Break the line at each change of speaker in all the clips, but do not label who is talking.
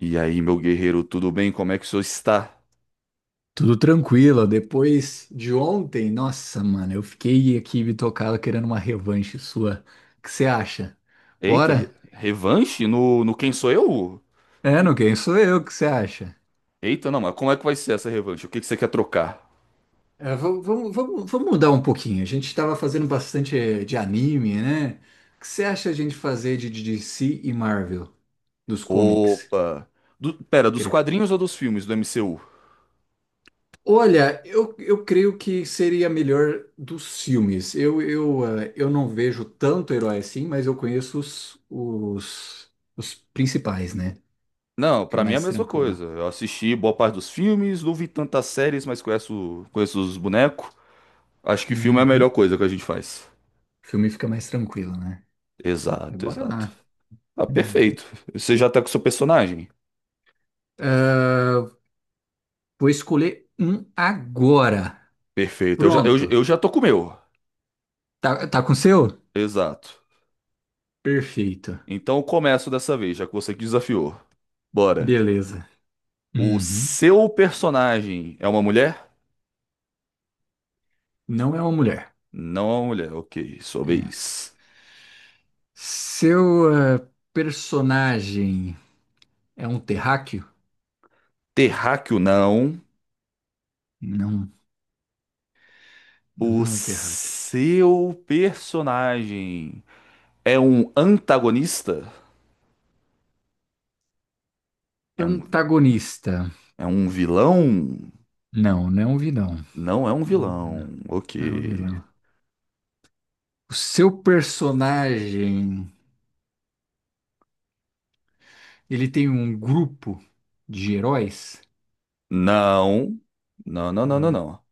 E aí, meu guerreiro, tudo bem? Como é que o senhor está?
Tudo tranquilo. Depois de ontem, nossa, mano, eu fiquei aqui me tocado querendo uma revanche sua. O que você acha?
Eita,
Bora?
revanche no Quem Sou Eu?
É, não, quem sou eu? O que você acha?
Eita, não, mas como é que vai ser essa revanche? O que que você quer trocar?
É, vamos mudar um pouquinho. A gente estava fazendo bastante de anime, né? O que você acha a gente fazer de DC e Marvel dos comics?
Opa! Pera, dos quadrinhos ou dos filmes do MCU?
Olha, eu creio que seria melhor dos filmes. Eu não vejo tanto herói assim, mas eu conheço os principais, né?
Não,
Fica
pra mim é a
mais
mesma coisa.
tranquila.
Eu assisti boa parte dos filmes, não vi tantas séries, mas conheço, conheço os bonecos. Acho que filme é a
Uhum.
melhor coisa que a gente faz.
O filme fica mais tranquilo, né?
Exato,
Agora
exato.
lá.
Ah,
Uhum.
perfeito. Você já tá com o seu personagem?
Ah, vou escolher um agora.
Perfeito. Eu já, eu,
Pronto.
eu já tô com o meu.
Tá, tá com o seu?
Exato.
Perfeito.
Então eu começo dessa vez, já que você que desafiou. Bora.
Beleza.
O
Uhum.
seu personagem é uma mulher?
Não é uma mulher.
Não é uma mulher, ok. Sua
É.
vez.
Seu personagem é um terráqueo?
Terráqueo não.
Não, não
O
é um The
seu personagem é um antagonista? É um,
Antagonista.
é um vilão?
Não, não é um vilão.
Não é um
Não é um vilão,
vilão,
não é um
ok.
vilão. O seu personagem, ele tem um grupo de heróis?
Não. Não, não, não, não,
Não.
não.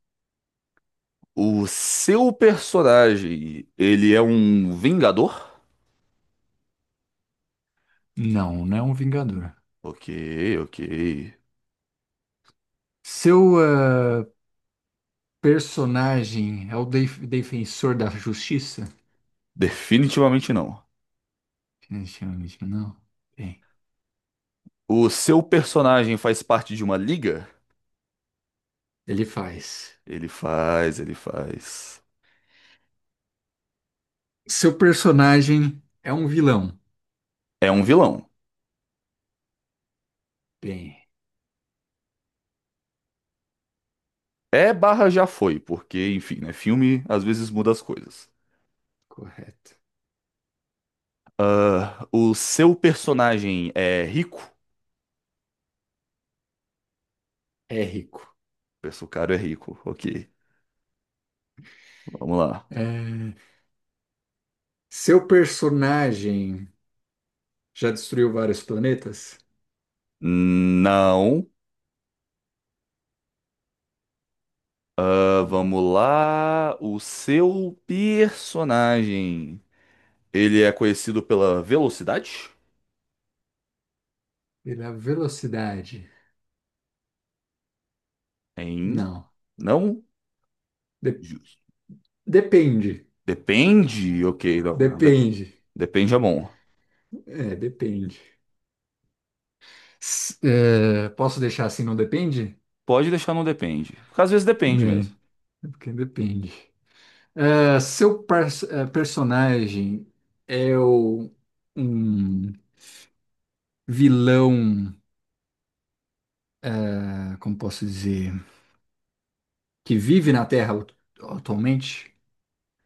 O seu personagem, ele é um vingador?
Não, não é um Vingador.
Ok, ok.
Seu personagem é o defensor da justiça?
Definitivamente não.
Definitivamente não. Bem,
O seu personagem faz parte de uma liga?
ele faz.
Ele faz, ele faz.
Seu personagem é um vilão?
É um vilão.
Bem,
É barra já foi, porque, enfim, né? Filme às vezes muda as coisas.
correto.
Ah, o seu personagem é rico?
É rico.
Penso, o cara é rico. Ok, vamos lá.
É... Seu personagem já destruiu vários planetas?
Não. Ah, vamos lá. O seu personagem. Ele é conhecido pela velocidade?
Pela velocidade?
Hein?
Não.
Não?
De-
Justo.
depende.
Depende, ok, não.
Depende.
Depende é bom.
É, depende. É, posso deixar assim, não depende?
Pode deixar não depende. Porque às vezes depende mesmo.
Bem, é porque depende. É, seu é, personagem é um vilão, é, como posso dizer, que vive na Terra atualmente?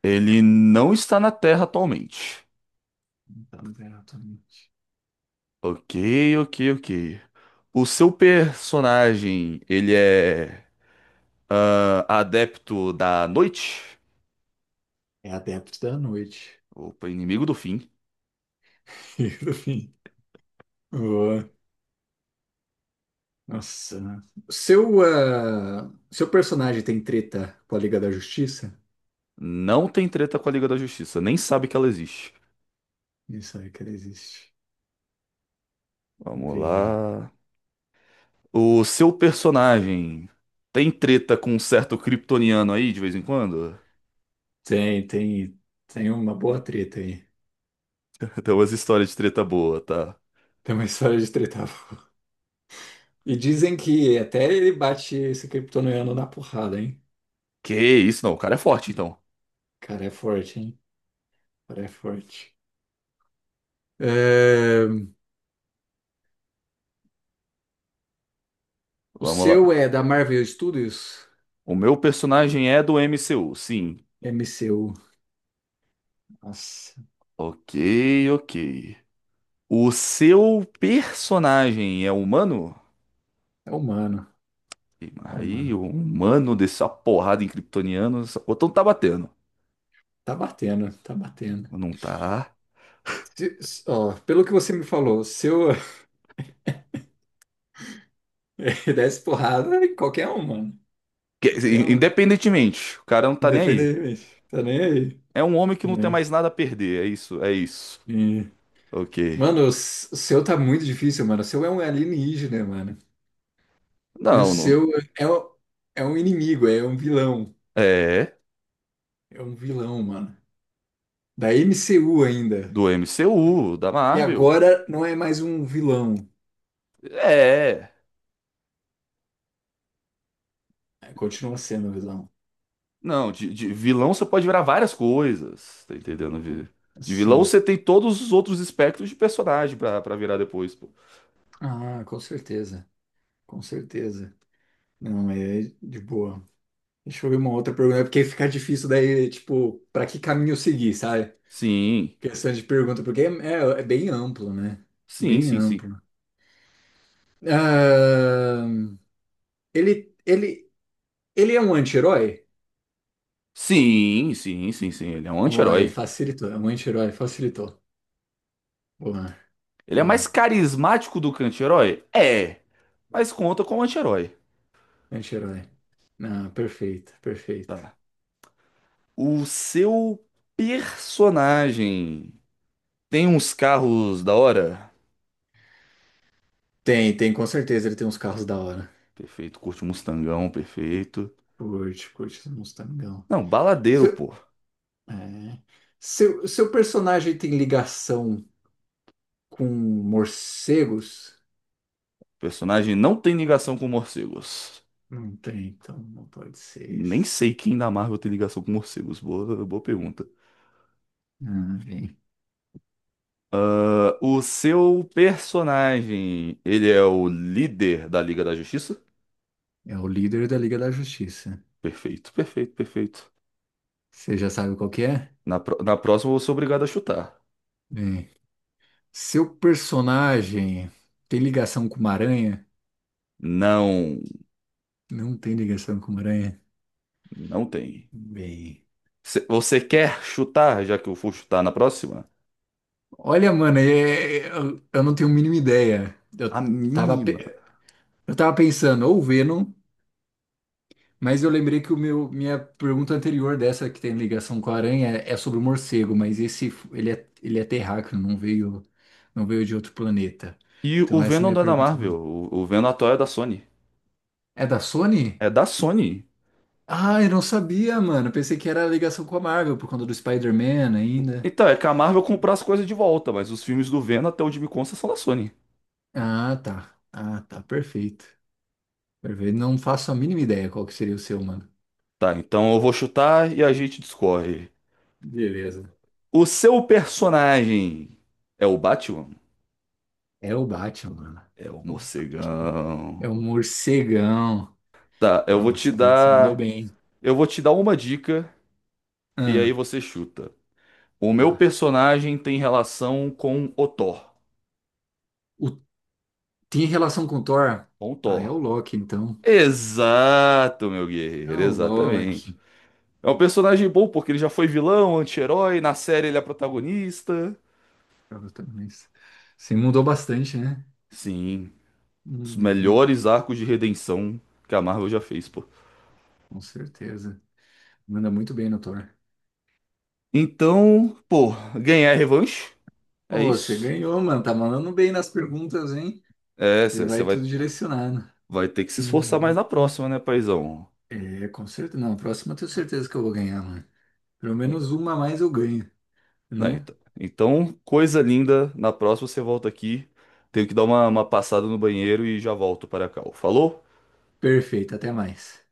Ele não está na Terra atualmente.
Não tá na Terra atualmente.
Ok, ok, ok. O seu personagem, ele é adepto da noite?
É adepto da noite.
Opa, inimigo do fim.
Enfim, boa. Nossa. Seu, seu personagem tem treta com a Liga da Justiça?
Não tem treta com a Liga da Justiça, nem sabe que ela existe.
Isso aí que ela existe.
Vamos
Bem,
lá. O seu personagem tem treta com um certo kryptoniano aí de vez em quando?
tem, tem, tem uma boa treta aí.
Tem umas histórias de treta boa, tá?
Tem uma história de treta. Boa. E dizem que até ele bate esse kryptoniano na porrada, hein?
Que isso, não. O cara é forte, então.
Cara, é forte, hein? Cara, é forte. É, o
Vamos
seu é
lá.
da Marvel Studios?
O meu personagem é do MCU, sim.
MCU. Nossa,
Ok, ok. O seu personagem é humano?
é humano,
Ih,
é
mas aí,
humano.
o humano desceu a porrada em kryptoniano. O então tá batendo.
Tá batendo, tá batendo.
Não tá.
Ó, pelo que você me falou, se eu desse porrada em qualquer um, mano. Qualquer um.
Independentemente, o cara não tá nem aí.
Independentemente. Tá nem aí.
É um homem que não tem
É.
mais nada a perder. É isso, é isso.
E-
Ok.
Mano, o o seu tá muito difícil, mano. O seu é um alienígena, mano. E o
Não, não.
seu é, é um inimigo, é um vilão.
É.
É um vilão, mano. Da MCU ainda.
Do MCU, da
E
Marvel.
agora não é mais um vilão.
É.
É, continua sendo um vilão.
Não, de vilão você pode virar várias coisas, tá entendendo? De vilão
Sim.
você tem todos os outros espectros de personagem pra, pra virar depois, pô.
Ah, com certeza. Com certeza. Não, é de boa. Deixa eu ver uma outra pergunta, né? Porque fica difícil daí, tipo, para que caminho seguir, sabe?
Sim,
Questão de pergunta, porque é bem amplo, né?
sim,
Bem
sim, sim.
amplo. Ahn, ele, ele, ele é um anti-herói?
Sim, sim, sim, sim. Ele é um
Vamos lá, aí
anti-herói.
facilitou, é um anti-herói, facilitou. Boa,
Ele é mais
boa,
carismático do que anti-herói? É, mas conta como anti-herói,
anti-herói. Ah, perfeito, perfeito.
tá? O seu personagem tem uns carros da hora?
Com certeza ele tem uns carros da hora.
Perfeito, curte um Mustangão, perfeito.
Uns Mustangão.
Não, baladeiro, pô.
Seu,
O
é. Seu personagem tem ligação com morcegos?
personagem não tem ligação com morcegos.
Não tem, então não pode ser
Nem
esse.
sei quem da Marvel tem ligação com morcegos. Boa, boa pergunta.
Ah, bem.
Ah, o seu personagem, ele é o líder da Liga da Justiça?
É o líder da Liga da Justiça.
Perfeito, perfeito, perfeito.
Você já sabe qual que é?
Na próxima eu vou ser obrigado a chutar.
Bem, seu personagem tem ligação com uma aranha?
Não,
Não tem ligação com uma aranha?
não tem.
Bem.
Você quer chutar, já que eu for chutar na próxima?
Olha, mano, eu não tenho a mínima ideia. Eu
A
tava,
mínima.
eu tava pensando ou Venom. Mas eu lembrei que o meu, minha pergunta anterior dessa que tem ligação com a aranha é sobre o morcego, mas esse ele ele é terráqueo, não veio de outro planeta.
E
Então
o
essa é a
Venom
minha
não é da
pergunta.
Marvel. O Venom atual é da Sony.
É da Sony?
É da Sony.
Ah, eu não sabia, mano. Pensei que era a ligação com a Marvel por conta do Spider-Man ainda.
Então, é que a Marvel comprou as coisas de volta, mas os filmes do Venom, até onde me consta, são da Sony.
Ah, tá. Ah, tá. Perfeito. Perfeito. Não faço a mínima ideia qual que seria o seu, mano.
Tá, então eu vou chutar e a gente discorre.
Beleza.
O seu personagem é o Batman?
É o Batman, mano.
É o
É o Batman.
morcegão.
É o morcegão.
Tá, eu vou te
Nossa, você mandou
dar,
bem.
eu vou te dar uma dica e aí você chuta. O meu
Tá.
personagem tem relação com o Thor,
O, tem relação com Thor?
com o
Ah, é o
Thor.
Loki, então.
Exato, meu
É
guerreiro,
o
exatamente.
Loki.
É um personagem bom porque ele já foi vilão, anti-herói, na série ele é protagonista.
Mas você mudou bastante, né?
Sim, os
Uhum,
melhores arcos de redenção que a Marvel já fez, pô.
com certeza. Manda muito bem no Thor.
Então, pô, ganhar é revanche, é
Ô, você
isso.
ganhou, mano. Tá mandando bem nas perguntas, hein?
É,
Já
você
vai
vai,
tudo direcionado.
vai ter que se esforçar mais
Uhum.
na próxima, né, paizão?
É, com certeza. Não, a próxima eu tenho certeza que eu vou ganhar, mano. Pelo
E-
menos uma a mais eu ganho,
né,
né?
então, então, coisa linda, na próxima você volta aqui. Tenho que dar uma passada no banheiro e já volto para cá. Falou?
Perfeito, até mais.